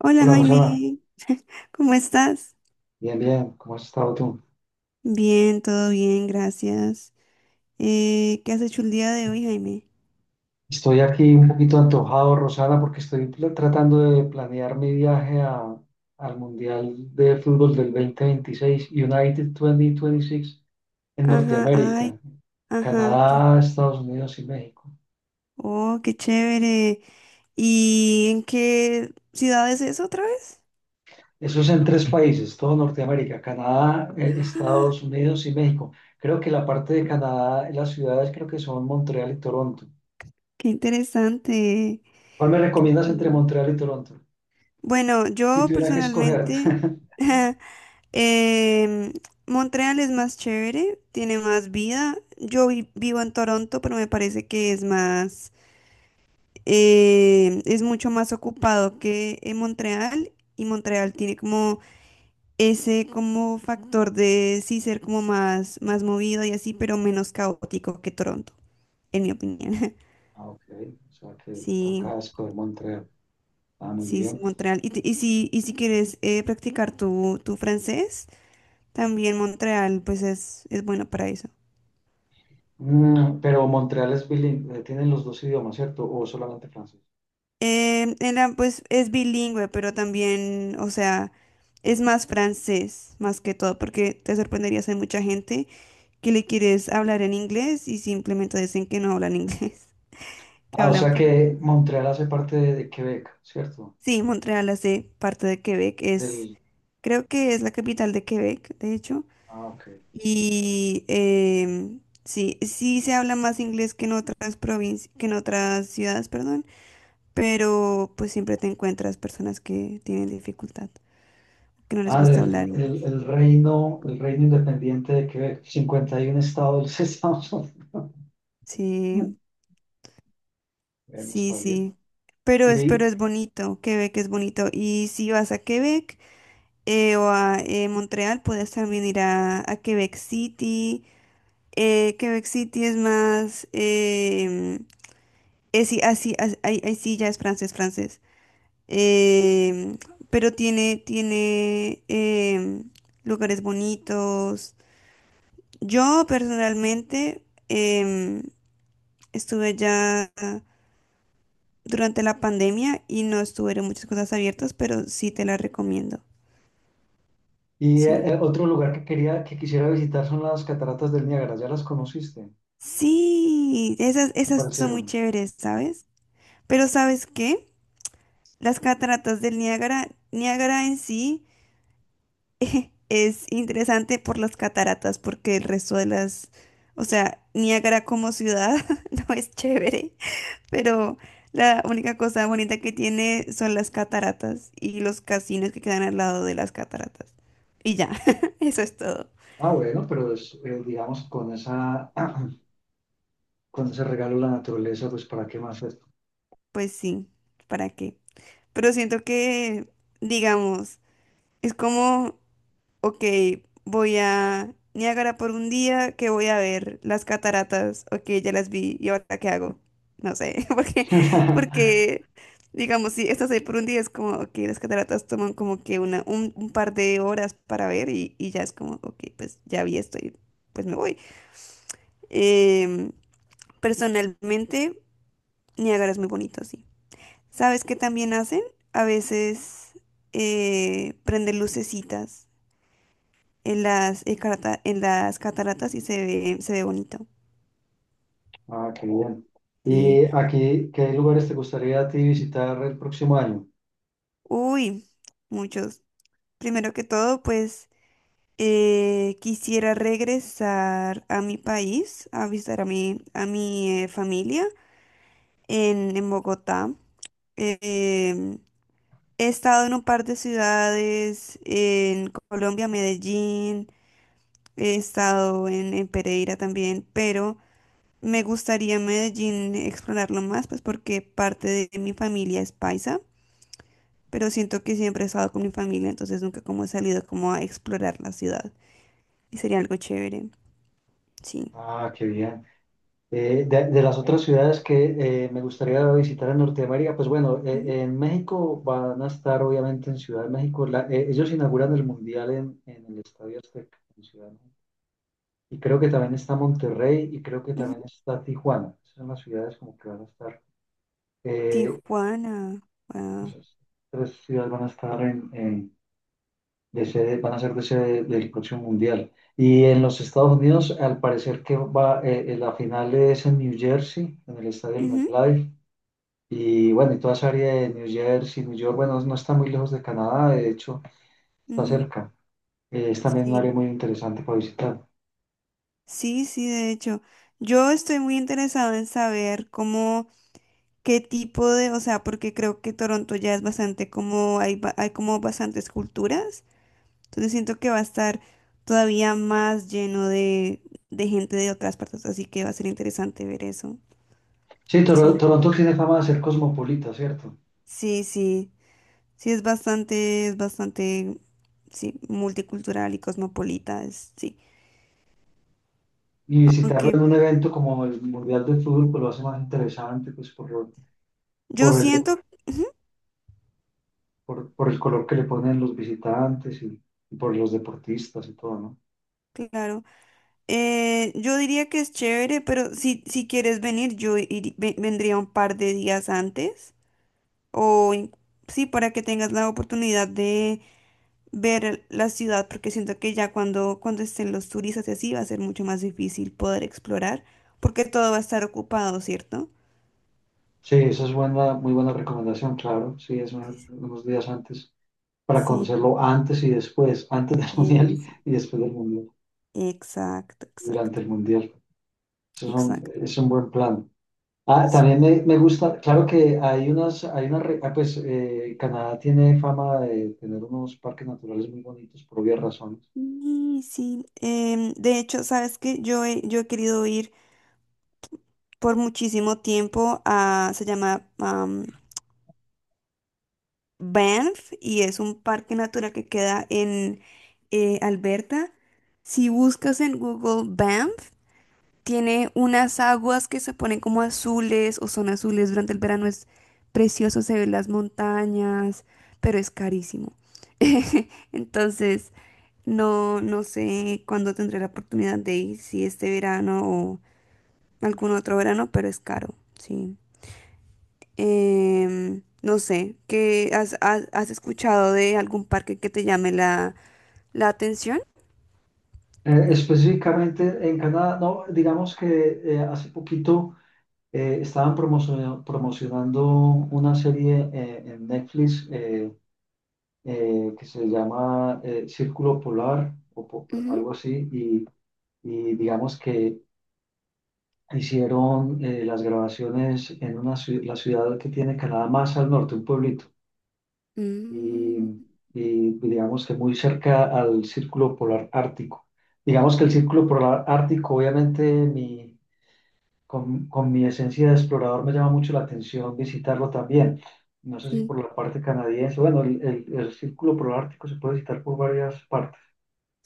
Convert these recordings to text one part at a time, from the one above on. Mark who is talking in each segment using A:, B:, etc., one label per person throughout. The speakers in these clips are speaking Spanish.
A: Hola
B: Hola Rosana,
A: Jaime, ¿cómo estás?
B: bien, bien, ¿cómo has estado tú?
A: Bien, todo bien, gracias. ¿Qué has hecho el día de hoy, Jaime?
B: Estoy aquí un poquito antojado, Rosana, porque estoy tratando de planear mi viaje al Mundial de Fútbol del 2026, United 2026, en
A: Ajá, ay,
B: Norteamérica,
A: ajá,
B: Canadá, Estados Unidos y México.
A: oh, qué chévere. ¿Y en qué ciudad es eso otra vez?
B: Eso es en tres países, todo Norteamérica, Canadá,
A: Ah,
B: Estados Unidos y México. Creo que la parte de Canadá, las ciudades creo que son Montreal y Toronto.
A: qué interesante.
B: ¿Cuál me
A: Qué
B: recomiendas entre
A: chévere.
B: Montreal y Toronto?
A: Bueno,
B: Si
A: yo
B: tuviera que escoger.
A: personalmente, em, Montreal es más chévere, tiene más vida. Yo vivo en Toronto, pero me parece que es mucho más ocupado que en Montreal y Montreal tiene como ese como factor de sí ser como más, más movido y así, pero menos caótico que Toronto, en mi opinión.
B: Ah, ok. O sea que
A: Sí,
B: toca escoger Montreal. Ah, muy
A: sí, sí,
B: bien.
A: Montreal. Y si quieres practicar tu francés, también Montreal pues es bueno para eso.
B: Pero Montreal es bilingüe, tienen los dos idiomas, ¿cierto? O solamente francés.
A: Pues es bilingüe, pero también, o sea, es más francés más que todo, porque te sorprenderías, hay mucha gente que le quieres hablar en inglés y simplemente dicen que no hablan inglés, que
B: Ah, o
A: hablan
B: sea que
A: francés.
B: Montreal hace parte de Quebec, ¿cierto?
A: Sí, Montreal hace parte de Quebec,
B: Del,
A: creo que es la capital de Quebec, de hecho,
B: ah, ok.
A: y sí, sí se habla más inglés que en otras provincias, que en otras ciudades, perdón, pero pues siempre te encuentras personas que tienen dificultad, que no les
B: Ah,
A: gusta
B: del
A: hablar
B: el,
A: inglés.
B: el reino independiente de Quebec, 51 estados de los Estados Unidos.
A: Sí,
B: Bueno,
A: sí,
B: está bien.
A: sí. Pero es,
B: Y,
A: pero es bonito, Quebec es bonito. Y si vas a Quebec, o a Montreal, puedes también ir a Quebec City. Quebec City es más, es, sí, así, ahí sí ya es francés, francés. Em, pero tiene lugares bonitos. Yo personalmente em, estuve ya durante la pandemia y no estuvieron muchas cosas abiertas, pero sí te las recomiendo. Sí.
B: otro lugar que quisiera visitar son las cataratas del Niágara. ¿Ya las conociste?
A: Sí, esas,
B: ¿Qué te
A: esas son muy
B: parecieron?
A: chéveres, ¿sabes? Pero ¿sabes qué? Las cataratas del Niágara, Niágara en sí, es interesante por las cataratas, porque el resto de las, o sea, Niágara como ciudad no es chévere, pero la única cosa bonita que tiene son las cataratas y los casinos que quedan al lado de las cataratas. Y ya, eso es todo.
B: Ah, bueno, pero digamos, con ese regalo de la naturaleza, pues ¿para qué más esto?
A: Pues sí, ¿para qué? Pero siento que, digamos, es como, ok, voy a Niágara por un día que voy a ver las cataratas. Ok, ya las vi. ¿Y ahora qué hago? No sé, porque, porque digamos, si estás ahí por un día es como, ok, las cataratas toman como que un par de horas para ver, y ya es como, ok, pues ya vi esto y pues me voy. Em, personalmente, Niágara es muy bonito, sí. ¿Sabes qué también hacen? A veces prenden lucecitas en las cataratas y se ve bonito.
B: Ah, qué bien.
A: Sí.
B: ¿Y aquí qué lugares te gustaría a ti visitar el próximo año?
A: Uy, muchos. Primero que todo, pues quisiera regresar a mi país, a visitar a mi familia en Bogotá. Eh, em, he estado en un par de ciudades, en Colombia, Medellín, he estado en Pereira también, pero me gustaría Medellín explorarlo más, pues porque parte de mi familia es paisa, pero siento que siempre he estado con mi familia, entonces nunca como he salido como a explorar la ciudad. Y sería algo chévere, sí.
B: Ah, qué bien. De las otras ciudades que me gustaría visitar en Norteamérica, pues bueno,
A: Mm,
B: en México van a estar obviamente en Ciudad de México. Ellos inauguran el Mundial en el Estadio Azteca, en Ciudad de México. Y creo que también está Monterrey y creo que
A: ujú.
B: también está Tijuana. Esas son las ciudades como que van a estar. Eh,
A: Tijuana, wow.
B: Esas tres ciudades van a estar de sede, van a ser de sede del próximo mundial. Y en los Estados Unidos, al parecer que la final es en New Jersey, en el estadio del
A: Ujú,
B: MetLife. Y bueno, y toda esa área de New Jersey, New York, bueno, no está muy lejos de Canadá, de hecho, está
A: ujú,
B: cerca. Es también un área
A: sí,
B: muy interesante para visitar.
A: sí, sí, de hecho. Yo estoy muy interesado en saber cómo, qué tipo de, o sea, porque creo que Toronto ya es bastante como, hay como bastantes culturas. Entonces siento que va a estar todavía más lleno de gente de otras partes, así que va a ser interesante ver eso.
B: Sí,
A: Sí,
B: Toronto tiene fama de ser cosmopolita, ¿cierto?
A: sí, sí. Sí, es bastante, sí, multicultural y cosmopolita, sí.
B: Y visitarlo
A: Aunque
B: en un evento como el Mundial de Fútbol, pues lo hace más interesante, pues por, lo-
A: yo
B: por el
A: siento, ujú,
B: por el color que le ponen los visitantes y por los deportistas y todo, ¿no?
A: claro, yo diría que es chévere, pero si quieres venir, yo vendría un par de días antes, o in- sí, para que tengas la oportunidad ver la ciudad, porque siento que ya cuando estén los turistas y así va a ser mucho más difícil poder explorar, porque todo va a estar ocupado, ¿cierto?
B: Sí, esa es buena, muy buena recomendación, claro. Sí, unos días antes para
A: Sí,
B: conocerlo antes y después, antes del mundial
A: es,
B: y después del mundial,
A: exacto,
B: durante
A: exacto,
B: el mundial. Eso es un,
A: exacto.
B: es un buen plan. Ah, también
A: Sí,
B: me gusta, claro que hay unas, hay una, re- ah, pues Canadá tiene fama de tener unos parques naturales muy bonitos por obvias razones.
A: y sí. De hecho, sabes que yo he querido ir por muchísimo tiempo a, se llama Banff, y es un parque natural que queda en Alberta. Si buscas en Google Banff, tiene unas aguas que se ponen como azules o son azules durante el verano. Es precioso, se ven las montañas, pero es carísimo. Entonces, no, no sé cuándo tendré la oportunidad de ir, si este verano o algún otro verano, pero es caro, sí. No sé, ¿qué has escuchado de algún parque que te llame la atención?
B: Específicamente en Canadá, no, digamos que hace poquito. Eh, estaban promocionando una serie en Netflix, que se llama Círculo Polar o
A: Ujú.
B: algo así y digamos que hicieron, las grabaciones en la ciudad que tiene Canadá más al norte, un pueblito,
A: Mm,
B: y, y digamos que muy cerca al Círculo Polar Ártico. Digamos que el Círculo Polar Ártico, obviamente, con mi esencia de explorador me llama mucho la atención visitarlo también. No sé si
A: sí,
B: por la parte canadiense, bueno, el Círculo Polar Ártico se puede visitar por varias partes,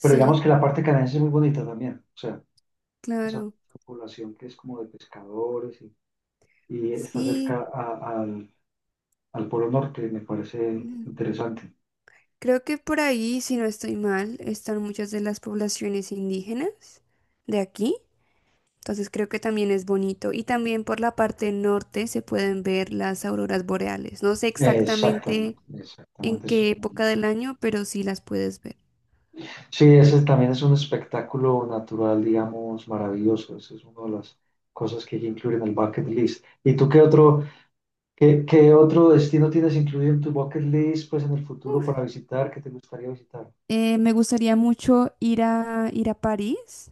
B: pero digamos que la parte canadiense es muy bonita también, o sea, esa
A: claro.
B: población que es como de pescadores y está
A: Sí.
B: cerca al Polo Norte, me parece interesante.
A: Creo que por ahí, si no estoy mal, están muchas de las poblaciones indígenas de aquí. Entonces creo que también es bonito. Y también por la parte norte se pueden ver las auroras boreales. No sé
B: Exactamente,
A: exactamente en
B: exactamente. Eso es.
A: qué época del año, pero sí las puedes ver.
B: Sí, ese también es un espectáculo natural, digamos, maravilloso. Esa es una de las cosas que hay que incluir en el bucket list. ¿Y tú qué otro, qué otro destino tienes incluido en tu bucket list, pues en el futuro para
A: Uf.
B: visitar, que te gustaría visitar?
A: Me gustaría mucho ir a París,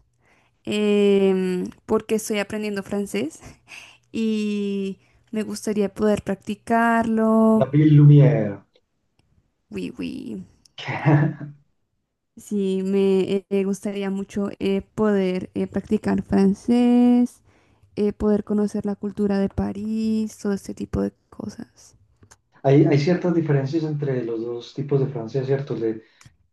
A: porque estoy aprendiendo francés y me gustaría poder
B: La
A: practicarlo.
B: Ville Lumière.
A: Oui, oui. Sí, me gustaría mucho poder practicar francés, poder conocer la cultura de París, todo este tipo de cosas.
B: Hay ciertas diferencias entre los dos tipos de Francia, ¿cierto? Le-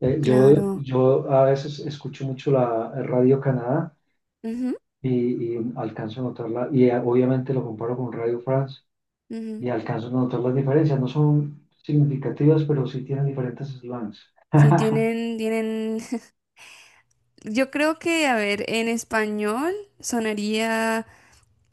B: eh, yo,
A: Claro.
B: yo a veces escucho mucho la Radio Canadá
A: Ujú,
B: y alcanzo a notarla, y obviamente lo comparo con Radio France
A: ujú.
B: y alcanzo a notar las diferencias. No son significativas, pero sí tienen diferentes eslanes.
A: Sí, tienen. Yo creo que, a ver, en español sonaría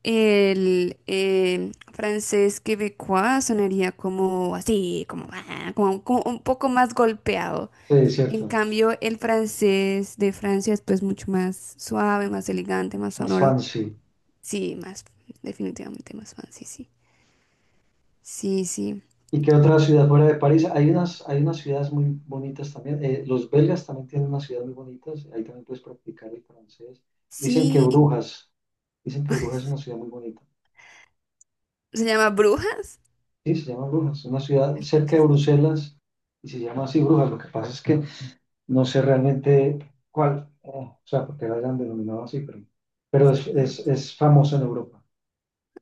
A: el francés quebecois, sonaría como así, como, ah, como un poco más golpeado.
B: Sí, es
A: En
B: cierto,
A: cambio, el francés de Francia es pues mucho más suave, más elegante, más
B: más
A: sonoro.
B: fancy.
A: Sí, más, definitivamente más fancy, sí. Sí, sí.
B: ¿Y qué otra ciudad fuera de París? Hay unas ciudades muy bonitas también. Los belgas también tienen unas ciudades muy bonitas. Ahí también puedes practicar el francés. Dicen que
A: Sí, sí,
B: Brujas, dicen que Brujas es una ciudad muy bonita.
A: se llama Brujas.
B: Sí, se llama Brujas, es una ciudad
A: Ay, qué
B: cerca de
A: chistoso.
B: Bruselas y se llama así Brujas. Lo que pasa es que no sé realmente cuál, o sea, porque la hayan denominado así, pero es, es,
A: Ah,
B: es famosa en Europa.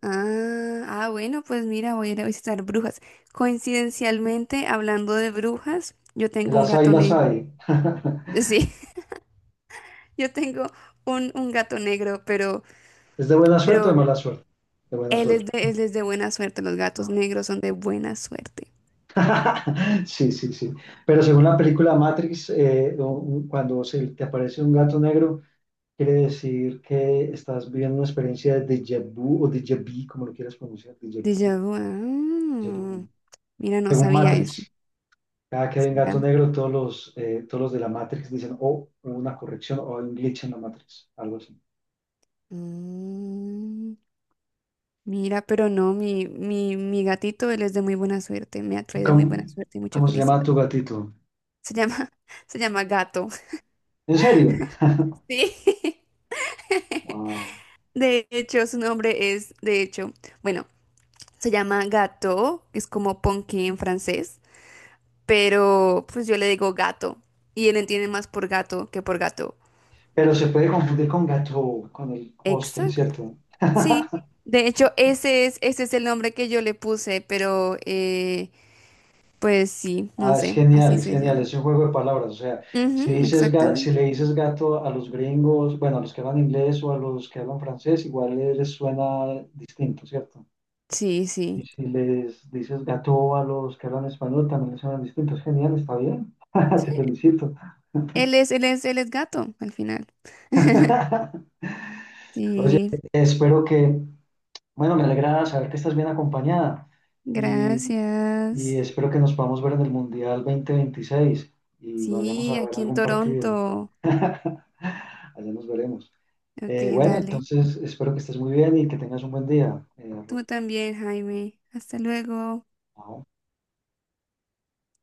A: ah, ah, bueno, pues mira, voy a ir a visitar Brujas. Coincidencialmente, hablando de brujas, yo tengo un
B: Las hay,
A: gato
B: las
A: negro.
B: hay.
A: Sí, yo tengo un gato negro, pero,
B: ¿Es de buena suerte o de
A: pero
B: mala suerte? De buena
A: él es
B: suerte.
A: de, él es de buena suerte. Los gatos
B: Ah,
A: negros son de buena suerte.
B: sí, sí, sí. Pero según la película Matrix, cuando se te aparece un gato negro, quiere decir que estás viviendo una experiencia de déjà vu o déjà vu, como lo quieras pronunciar,
A: Déjà vu.
B: déjà
A: Ah,
B: vu,
A: mira, no
B: según
A: sabía eso.
B: Matrix. Cada que hay un
A: ¿Será?
B: gato negro, todos los de la Matrix dicen, oh, hubo una corrección o hay un glitch en la Matrix, algo así.
A: Mm, mira, pero no, mi gatito, él es de muy buena suerte, me ha
B: ¿Y
A: traído muy
B: cómo,
A: buena suerte y mucha
B: cómo se llama
A: felicidad.
B: tu gatito?
A: Se llama, se llama Gato.
B: ¿En serio?
A: Sí.
B: Wow.
A: De hecho, su nombre es, de hecho, bueno, se llama Gato, es como Ponky en francés, pero pues yo le digo gato y él entiende más por gato que por gato.
B: Pero se puede confundir con gato, con el postre, ¿cierto?
A: Sí, de hecho ese es el nombre que yo le puse, pero pues sí, no
B: Ah, es
A: sé,
B: genial,
A: así
B: es
A: se
B: genial,
A: llama.
B: es un juego de palabras. O sea, si
A: Ujú,
B: si
A: exactamente.
B: le dices gato a los gringos, bueno, a los que hablan inglés o a los que hablan francés, igual les suena distinto, ¿cierto?
A: Sí,
B: Y
A: sí.
B: si les dices gato a los que hablan español, también les suenan distintos. Genial, está bien. Te
A: Sí,
B: felicito.
A: él es gato al final.
B: Oye,
A: Sí,
B: espero que, bueno, me alegra saber que estás bien acompañada y, y
A: gracias.
B: espero que nos podamos ver en el Mundial 2026 y vayamos
A: Sí,
B: a ver
A: aquí en
B: algún partido.
A: Toronto.
B: Allá nos veremos.
A: Ok,
B: Bueno,
A: dale.
B: entonces espero que estés muy bien y que tengas un buen día. Ruth.
A: Tú también, Jaime. Hasta luego.
B: Chao.